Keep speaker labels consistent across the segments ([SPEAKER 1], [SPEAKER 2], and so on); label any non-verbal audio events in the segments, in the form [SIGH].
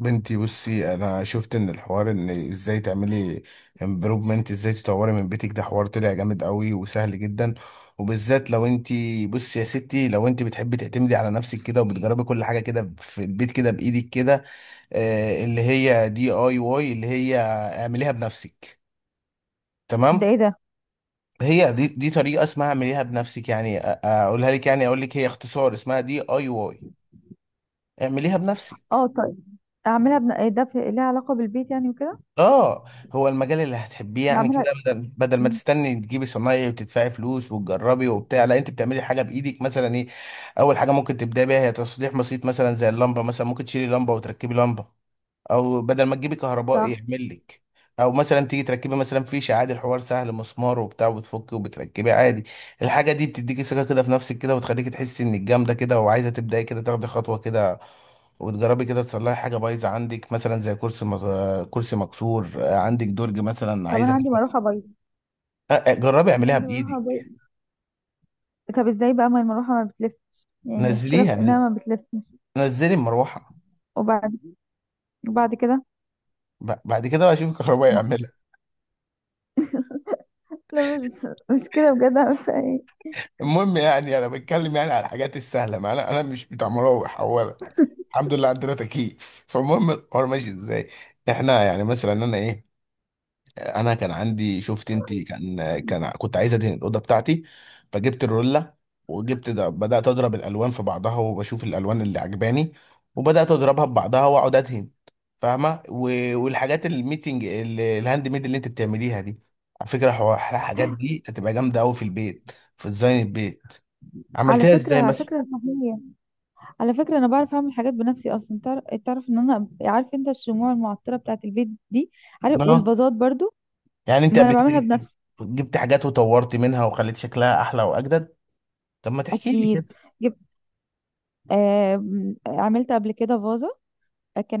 [SPEAKER 1] بنتي، بصي، انا شفت ان الحوار، ازاي تعملي امبروفمنت، ازاي تطوري من بيتك. ده حوار طلع جامد قوي وسهل جدا، وبالذات لو انت، بصي يا ستي، لو انت بتحبي تعتمدي على نفسك كده وبتجربي كل حاجه كده في البيت كده بايدك كده. اللي هي دي اي واي، اللي هي اعمليها بنفسك.
[SPEAKER 2] ده
[SPEAKER 1] تمام.
[SPEAKER 2] ايه ده؟
[SPEAKER 1] هي دي طريقه اسمها اعمليها بنفسك. يعني اقولها لك، يعني اقول لك، هي اختصار اسمها دي اي واي، اعمليها بنفسك.
[SPEAKER 2] اه طيب. إيه ده؟ ليها علاقة بالبيت يعني وكده؟
[SPEAKER 1] اه، هو المجال اللي هتحبيه يعني.
[SPEAKER 2] بعملها.
[SPEAKER 1] كده بدل ما
[SPEAKER 2] مم.
[SPEAKER 1] تستني تجيبي صنايعي وتدفعي فلوس وتجربي وبتاع، لا، انت بتعملي حاجه بايدك، مثلا ايه؟ اول حاجه ممكن تبداي بيها هي تصليح بسيط، مثلا زي اللمبه، مثلا ممكن تشيلي لمبه وتركبي لمبه، او بدل ما تجيبي كهربائي
[SPEAKER 2] صح.
[SPEAKER 1] يعمل لك، او مثلا تيجي تركبي مثلا فيشه عادي. الحوار سهل، مسمار وبتاع، وبتفكي وبتركبي عادي. الحاجه دي بتديكي ثقه كده في نفسك كده، وتخليكي تحسي انك جامده كده، وعايزه تبداي كده تاخدي خطوه كده وتجربي كده تصلحي حاجه بايظه عندك، مثلا زي كرسي كرسي مكسور، عندك درج مثلا
[SPEAKER 2] طب
[SPEAKER 1] عايزه.
[SPEAKER 2] انا عندي مروحة بايظة.
[SPEAKER 1] جربي اعمليها
[SPEAKER 2] عندي مروحة
[SPEAKER 1] بايدك.
[SPEAKER 2] بايظة. طب ازاي بقى؟ ما المروحة ما بتلفش، يعني المشكلة
[SPEAKER 1] نزليها
[SPEAKER 2] في
[SPEAKER 1] نز...
[SPEAKER 2] انها ما بتلفش.
[SPEAKER 1] نزلي المروحه.
[SPEAKER 2] وبعد وبعد كده.
[SPEAKER 1] بعد كده بقى شوفي الكهربائي
[SPEAKER 2] ما-
[SPEAKER 1] يعملها.
[SPEAKER 2] لا، مش كده، بجد أعمل فيها ايه؟
[SPEAKER 1] المهم، يعني انا بتكلم يعني على الحاجات السهله، ما انا مش بتاع مراوح اولا، الحمد لله عندنا تكييف. فالمهم الحوار ماشي ازاي. احنا يعني مثلا انا ايه، انا كان عندي، شفت انت، كان كان كنت عايز ادهن الاوضه بتاعتي، فجبت الرولة وجبت ده، بدات اضرب الالوان في بعضها وبشوف الالوان اللي عجباني، وبدات اضربها ببعضها واقعد ادهن، فاهمه؟ والحاجات الميتنج، الهاند ميد اللي انت بتعمليها دي، على فكره، الحاجات دي هتبقى جامده قوي في البيت، في ديزاين البيت.
[SPEAKER 2] على
[SPEAKER 1] عملتها
[SPEAKER 2] فكرة
[SPEAKER 1] ازاي
[SPEAKER 2] على
[SPEAKER 1] مثلا؟
[SPEAKER 2] فكرة صحيح. على فكرة انا بعرف اعمل حاجات بنفسي اصلا، تعرف ان انا؟ عارف انت الشموع المعطرة بتاعة البيت دي؟ عارف؟ والفازات برضو.
[SPEAKER 1] يعني انت
[SPEAKER 2] ما انا
[SPEAKER 1] قبل كده
[SPEAKER 2] بعملها بنفسي.
[SPEAKER 1] جبت حاجات وطورت منها وخليت شكلها احلى واجدد. طب ما تحكي لي
[SPEAKER 2] اكيد.
[SPEAKER 1] كده.
[SPEAKER 2] جبت. آه... عملت قبل كده فازة،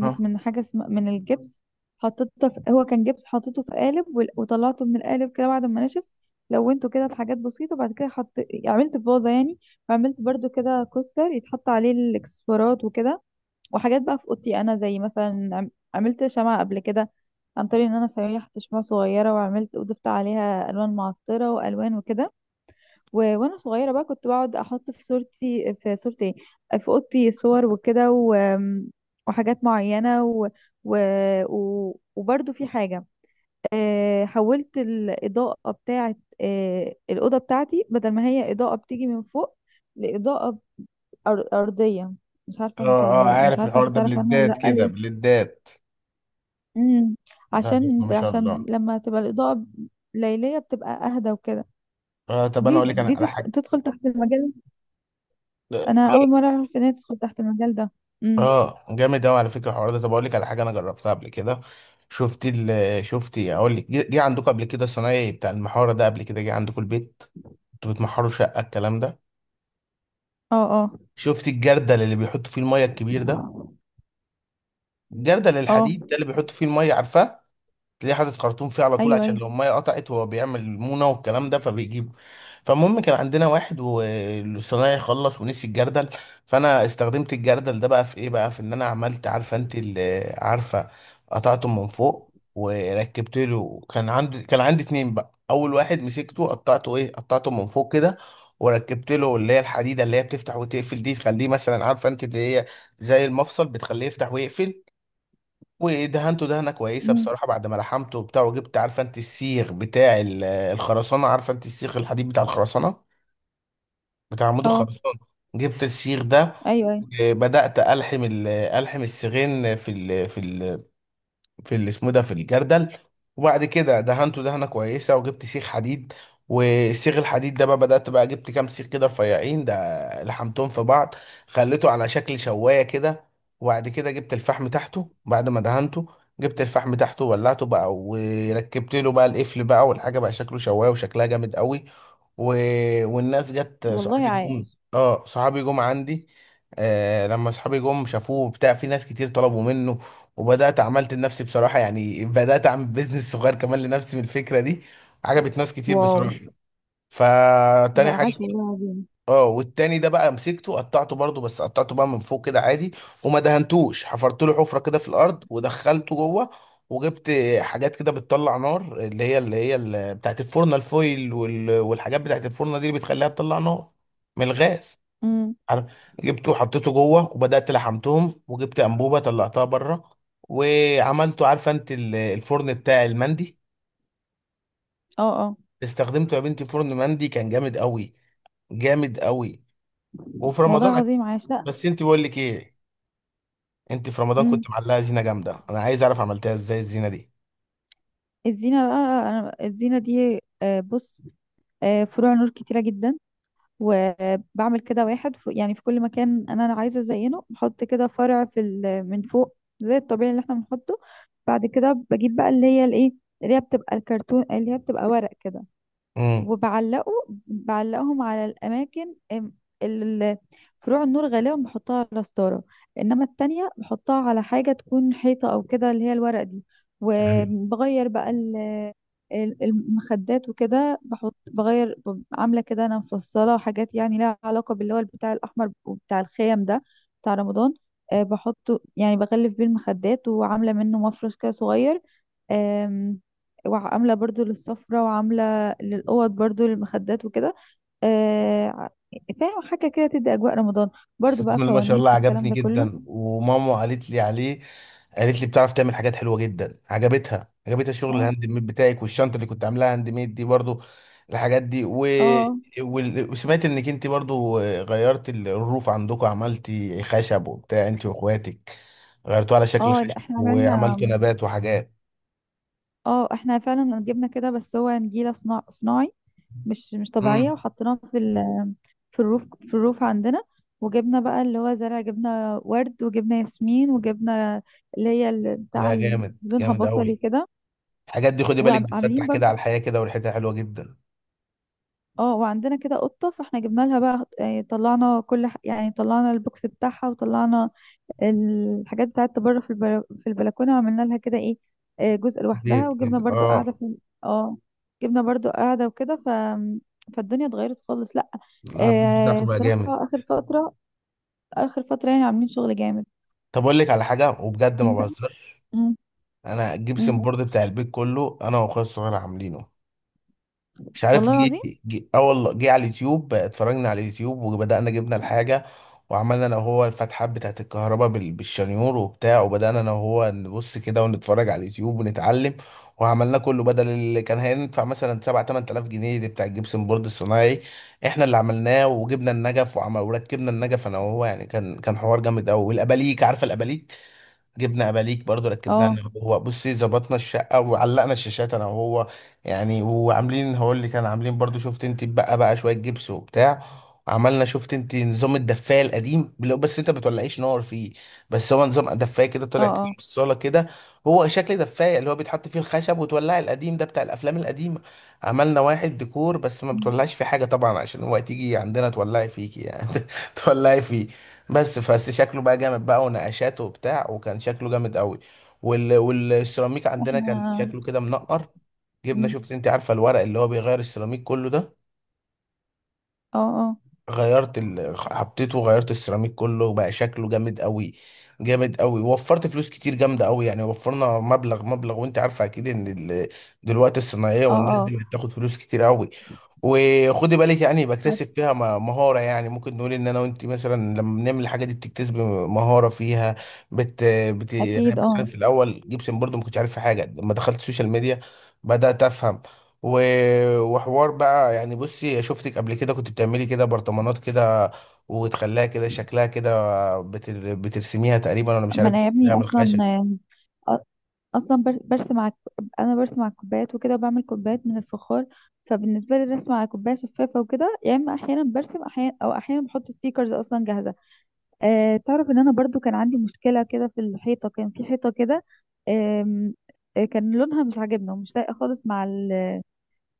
[SPEAKER 1] اه،
[SPEAKER 2] من حاجة اسمها من الجبس. حطيتها في هو كان جبس حطيته في قالب، وطلعته من القالب كده بعد ما نشف. لونته كده لحاجات بسيطة، وبعد كده حط، عملت فازة يعني. وعملت برضو كده كوستر يتحط عليه الاكسسوارات وكده. وحاجات بقى في اوضتي انا، زي مثلا عملت شمعة قبل كده، عن طريق ان انا سيحت شمعة صغيرة وعملت وضفت عليها الوان معطرة والوان وكده. وانا صغيره بقى كنت بقعد احط في صورتي، في صورتي إيه؟ في اوضتي صور وكده. و... آمم، وحاجات معينه. و... وبرده في حاجه. حولت الاضاءه بتاعه الاوضه بتاعتي، بدل ما هي اضاءه بتيجي من فوق، لاضاءه ارضيه. مش عارفه انت
[SPEAKER 1] اه، اه،
[SPEAKER 2] مش
[SPEAKER 1] عارف
[SPEAKER 2] عارفه
[SPEAKER 1] الحوار
[SPEAKER 2] انت
[SPEAKER 1] ده،
[SPEAKER 2] تعرف عنها
[SPEAKER 1] بلدات
[SPEAKER 2] ولا لا،
[SPEAKER 1] كده
[SPEAKER 2] ليه؟
[SPEAKER 1] بلدات.
[SPEAKER 2] امم
[SPEAKER 1] ده عرفنا،
[SPEAKER 2] عشان
[SPEAKER 1] ما شاء
[SPEAKER 2] عشان
[SPEAKER 1] الله.
[SPEAKER 2] لما تبقى الاضاءه ليليه بتبقى اهدى وكده.
[SPEAKER 1] طب انا
[SPEAKER 2] دي
[SPEAKER 1] اقول لك انا
[SPEAKER 2] دي
[SPEAKER 1] على
[SPEAKER 2] تدخل,
[SPEAKER 1] حاجه.
[SPEAKER 2] تدخل تحت المجال. انا اول مره اعرف ان هي تدخل تحت المجال ده. امم.
[SPEAKER 1] اه، جامد قوي على فكره الحوار ده. طب اقول لك على حاجه انا جربتها قبل كده. شفت إيه؟ اقول لك، جه عندكم قبل كده الصنايعي بتاع المحاره ده قبل كده، جه عندكم البيت؟ انتوا بتمحروا شقه، الكلام ده؟
[SPEAKER 2] اه، اه،
[SPEAKER 1] شفت الجردل اللي بيحطوا فيه الميه الكبير ده، الجردل
[SPEAKER 2] اه.
[SPEAKER 1] الحديد ده اللي بيحطوا فيه الميه، عارفاه؟ تلاقيه حاطط خرطوم فيه على طول
[SPEAKER 2] ايوه،
[SPEAKER 1] عشان
[SPEAKER 2] ايوه.
[SPEAKER 1] لو الميه قطعت، هو بيعمل المونه والكلام ده فبيجيب. فالمهم كان عندنا واحد، والصنايعي خلص ونسي الجردل، فانا استخدمت الجردل ده بقى في ايه بقى، في ان انا عملت، عارفه انت اللي عارفه، قطعته من فوق وركبت له. كان عندي اتنين بقى، اول واحد مسكته قطعته، ايه، قطعته من فوق كده وركبت له اللي هي الحديده اللي هي بتفتح وتقفل دي، تخليه مثلا، عارفه انت اللي هي زي المفصل، بتخليه يفتح ويقفل. ودهنته دهنه كويسه
[SPEAKER 2] امم.
[SPEAKER 1] بصراحه بعد ما لحمته وبتاع، وجبت، عارفه انت السيخ بتاع الخرسانه، عارفه انت السيخ الحديد بتاع الخرسانه، بتاع عمود
[SPEAKER 2] اه.
[SPEAKER 1] الخرسانه. جبت السيخ ده،
[SPEAKER 2] ايوه، ايوه.
[SPEAKER 1] وبدات الحم السيخين في ال آه، في ال في اللي اسمه ده، في الجردل. وبعد كده دهنته دهنه كويسه وجبت سيخ حديد، والسيخ الحديد ده بقى بدات بقى جبت كام سيخ كده رفيعين ده، لحمتهم في بعض، خليته على شكل شوايه كده. وبعد كده جبت الفحم تحته بعد ما دهنته، جبت الفحم تحته وولعته بقى، وركبت له بقى القفل بقى، والحاجه بقى شكله شوايه، وشكلها جامد قوي. و... والناس جت،
[SPEAKER 2] والله
[SPEAKER 1] صحابي جم.
[SPEAKER 2] عاش.
[SPEAKER 1] اه، صحابي جم عندي. آه، لما صحابي جم شافوه بتاع، في ناس كتير طلبوا منه، وبدأت عملت لنفسي بصراحة، يعني بدأت أعمل بيزنس صغير كمان لنفسي من الفكرة دي، عجبت ناس كتير
[SPEAKER 2] واو.
[SPEAKER 1] بصراحة،
[SPEAKER 2] لا،
[SPEAKER 1] فتاني حاجة.
[SPEAKER 2] عاش والله عظيم.
[SPEAKER 1] اه، والتاني ده بقى مسكته قطعته برضو، بس قطعته بقى من فوق كده عادي، وما دهنتوش، حفرت له حفره كده في الارض ودخلته جوه، وجبت حاجات كده بتطلع نار، اللي هي اللي بتاعت الفرن، الفويل والحاجات بتاعت الفرن دي اللي بتخليها تطلع نار من الغاز،
[SPEAKER 2] امم.
[SPEAKER 1] عارف؟ جبته وحطيته جوه وبدات لحمتهم، وجبت انبوبه طلعتها بره، وعملته، عارفه انت الفرن بتاع المندي.
[SPEAKER 2] اه، اه.
[SPEAKER 1] استخدمته يا بنتي، فرن مندي كان جامد قوي، جامد قوي، وفي
[SPEAKER 2] والله
[SPEAKER 1] رمضان.
[SPEAKER 2] عظيم، عاش. لا.
[SPEAKER 1] بس انت، بقول لك ايه، انت في رمضان
[SPEAKER 2] امم.
[SPEAKER 1] كنت معلقه زينه جامده، انا عايز اعرف عملتها ازاي الزينه دي.
[SPEAKER 2] الزينه بقى، انا الزينه دي بص. فروع نور كتيره جدا، وبعمل كده واحد، في كل مكان انا عايزه ازينه. بحط كده فرع من فوق زي الطبيعي اللي احنا بنحطه. بعد كده بجيب بقى اللي هي الايه، اللي هي بتبقى الكرتون، اللي هي بتبقى ورق كده،
[SPEAKER 1] امم.
[SPEAKER 2] وبعلقه. بعلقهم على الأماكن. ال- فروع النور غالبا بحطها على ستارة، إنما التانية بحطها على حاجة تكون حيطة أو كده، اللي هي الورق دي.
[SPEAKER 1] ايوه.
[SPEAKER 2] وبغير بقى المخدات وكده، بحط بغير عاملة كده. أنا مفصلة حاجات يعني لها علاقة باللي هو البتاع الأحمر وبتاع الخيم ده، بتاع رمضان. بحطه يعني بغلف بيه المخدات، وعاملة منه مفرش كده صغير. آم، وعاملة برضو للسفرة وعاملة للأوض برضو للمخدات وكده. آه ع- فاهم؟ حاجة كده تدي أجواء رمضان،
[SPEAKER 1] بس،
[SPEAKER 2] برضو
[SPEAKER 1] بسم
[SPEAKER 2] بقى
[SPEAKER 1] الله ما شاء الله،
[SPEAKER 2] فوانيس والكلام
[SPEAKER 1] عجبني
[SPEAKER 2] ده كله.
[SPEAKER 1] جدا وماما قالت لي عليه. قالت لي بتعرف تعمل حاجات حلوه جدا، عجبتها، عجبتها الشغل
[SPEAKER 2] اه،
[SPEAKER 1] الهاند ميد بتاعك، والشنطه اللي كنت عاملاها هاند ميد دي برضو، الحاجات دي.
[SPEAKER 2] اه،
[SPEAKER 1] وسمعت انك انت برضو غيرت الروف عندكم، عملتي خشب وبتاع انت واخواتك، غيرتوه على شكل
[SPEAKER 2] اه. لا،
[SPEAKER 1] خشب
[SPEAKER 2] احنا
[SPEAKER 1] وعملتوا
[SPEAKER 2] عملنا.
[SPEAKER 1] نبات وحاجات.
[SPEAKER 2] اه، احنا فعلا جبنا كده، بس هو نجيلة صناعي، مش طبيعية،
[SPEAKER 1] امم.
[SPEAKER 2] وحطيناها في الروف عندنا. وجبنا بقى اللي هو زرع، جبنا ورد وجبنا ياسمين وجبنا اللي هي بتاع
[SPEAKER 1] لا، جامد،
[SPEAKER 2] لونها
[SPEAKER 1] جامد
[SPEAKER 2] بصلي
[SPEAKER 1] قوي.
[SPEAKER 2] كده.
[SPEAKER 1] الحاجات دي خدي بالك بتفتح
[SPEAKER 2] وعاملين،
[SPEAKER 1] كده على الحياة كده، وريحتها حلوة جدا.
[SPEAKER 2] اه. وعندنا كده قطة، فاحنا جبنا لها بقى طلعنا يعني طلعنا البوكس بتاعها، وطلعنا الحاجات بتاعتها بره في البلكونة، وعملنا لها كده ايه، جزء لوحدها.
[SPEAKER 1] بيت
[SPEAKER 2] وجبنا
[SPEAKER 1] كده،
[SPEAKER 2] برضو قاعدة
[SPEAKER 1] اه.
[SPEAKER 2] في. اه. جبنا برضو قاعدة وكده. فالدنيا اتغيرت خالص. لا.
[SPEAKER 1] لا، البيت بتاعته بقى
[SPEAKER 2] الصراحة
[SPEAKER 1] جامد.
[SPEAKER 2] آخر فترة، آخر فترة يعني عاملين شغل جامد.
[SPEAKER 1] طب اقول لك على حاجة وبجد ما
[SPEAKER 2] انت.
[SPEAKER 1] بهزرش.
[SPEAKER 2] مم.
[SPEAKER 1] انا
[SPEAKER 2] مم.
[SPEAKER 1] الجبسن بورد بتاع البيت كله انا واخويا الصغير عاملينه. مش عارف،
[SPEAKER 2] والله العظيم.
[SPEAKER 1] جه، اه والله، جه على اليوتيوب، اتفرجنا على اليوتيوب وبدأنا جبنا الحاجة، وعملنا انا وهو الفتحات بتاعت الكهرباء بالشنيور وبتاع، وبدأنا انا وهو نبص كده ونتفرج على اليوتيوب ونتعلم، وعملنا كله بدل اللي كان هيدفع مثلا 7 8000 جنيه دي بتاع الجبسن بورد الصناعي، احنا اللي عملناه. وجبنا النجف وعمل وركبنا النجف انا وهو، يعني كان حوار جامد قوي، والاباليك، عارفه الاباليك؟ جبنا اباليك برضو ركبناها
[SPEAKER 2] اه،
[SPEAKER 1] انا وهو، بصي، ظبطنا الشقه وعلقنا الشاشات انا وهو، يعني. وعاملين، هقول اللي كان، عاملين برضو، شفت انت بقى، شويه جبس وبتاع. عملنا، شفت انت، نظام الدفايه القديم، اللي هو بس انت ما بتولعيش نار فيه، بس هو نظام دفايه كده
[SPEAKER 2] اه،
[SPEAKER 1] طلع كده من
[SPEAKER 2] اه.
[SPEAKER 1] الصاله كده، هو شكل دفايه اللي هو بيتحط فيه الخشب وتولعي، القديم ده بتاع الافلام القديمه. عملنا واحد ديكور، بس ما
[SPEAKER 2] مم.
[SPEAKER 1] بتولعش فيه حاجه طبعا، عشان هو تيجي عندنا تولعي فيكي يعني. [LAUGHS] تولعي فيه. بس شكله بقى جامد بقى، ونقشاته وبتاع، وكان شكله جامد قوي. والسيراميك عندنا كان
[SPEAKER 2] احنا.
[SPEAKER 1] شكله كده منقر. جبنا،
[SPEAKER 2] مم.
[SPEAKER 1] شفت انت، عارفه الورق اللي هو بيغير السيراميك كله ده،
[SPEAKER 2] اه، اه،
[SPEAKER 1] غيرت حطيته وغيرت السيراميك كله، وبقى شكله جامد قوي، جامد قوي. وفرت فلوس كتير جامده قوي، يعني وفرنا مبلغ مبلغ، وانت عارفه اكيد ان دلوقتي الصناعيه والناس
[SPEAKER 2] اه،
[SPEAKER 1] دي بتاخد فلوس كتير قوي. وخدي بالك، يعني
[SPEAKER 2] اه.
[SPEAKER 1] بكتسب فيها مهارة، يعني ممكن نقول ان انا وانت مثلا لما بنعمل الحاجة دي بتكتسب مهارة فيها. بت,
[SPEAKER 2] اكيد،
[SPEAKER 1] يعني مثلا
[SPEAKER 2] اه.
[SPEAKER 1] في الاول جيبسن برضو ما كنتش عارف في حاجة، لما دخلت السوشيال ميديا بدأت افهم. و... وحوار بقى، يعني، بصي شفتك قبل كده كنت بتعملي كده برطمانات كده وتخليها كده شكلها كده، بترسميها تقريبا، انا مش
[SPEAKER 2] ما
[SPEAKER 1] عارف،
[SPEAKER 2] انا يا ابني
[SPEAKER 1] بتعمليها من
[SPEAKER 2] اصلا.
[SPEAKER 1] الخشب.
[SPEAKER 2] اصلا برسم على، انا برسم على الكوبايات وكده، وبعمل كوبايات من الفخار. فبالنسبه لي الرسم على كوبايه شفافه وكده، يا اما احيانا برسم، احيانا او احيانا بحط ستيكرز اصلا جاهزه. تعرف ان انا برضو كان عندي مشكله كده في الحيطه، كان في حيطه كده. آم، كان لونها مش عاجبنا ومش لايقه خالص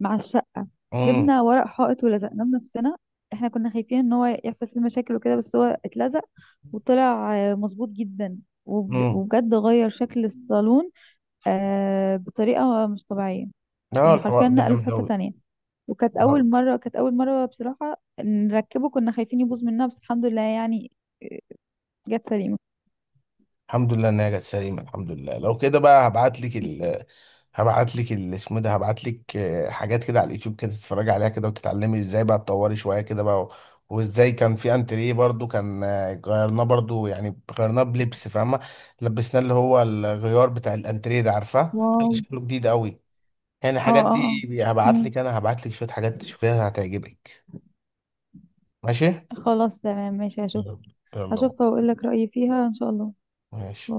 [SPEAKER 2] مع الشقه.
[SPEAKER 1] امم.
[SPEAKER 2] جبنا ورق حائط ولزقناه بنفسنا. احنا كنا خايفين ان هو يحصل فيه مشاكل وكده، بس هو اتلزق وطلع مظبوط جدا،
[SPEAKER 1] امم.
[SPEAKER 2] وبجد غير شكل الصالون، بطريقة مش طبيعية.
[SPEAKER 1] اه،
[SPEAKER 2] يعني حرفيا
[SPEAKER 1] الحوار ده
[SPEAKER 2] نقله في
[SPEAKER 1] جامد
[SPEAKER 2] حتة
[SPEAKER 1] قوي.
[SPEAKER 2] تانية. وكانت أول مرة بصراحة نركبه، كنا خايفين يبوظ مننا، بس الحمد لله يعني جت سليمة.
[SPEAKER 1] الحمد لله ان هي جت سليمه، الحمد لله. لو كده بقى، هبعت لك، ال اسمه ده هبعت لك، حاجات كده على اليوتيوب كده تتفرجي عليها كده وتتعلمي ازاي بقى تطوري شويه كده بقى. وازاي كان في انتريه برضو، كان غيرناه برضو، يعني غيرناه بلبس، فاهمه؟ لبسناه اللي هو الغيار بتاع الانتريه ده، عارفاه؟ كان
[SPEAKER 2] واو.
[SPEAKER 1] شكله جديد قوي. يعني
[SPEAKER 2] اه،
[SPEAKER 1] الحاجات
[SPEAKER 2] اه، اه.
[SPEAKER 1] دي هبعت
[SPEAKER 2] مم.
[SPEAKER 1] لك، انا هبعت لك شويه حاجات تشوفيها هتعجبك. ماشي.
[SPEAKER 2] خلاص، تمام، ماشي، هشوف.
[SPEAKER 1] يلا. يلا بقى.
[SPEAKER 2] هشوفها وأقول لك رأيي فيها إن شاء الله.
[SPEAKER 1] ماشي.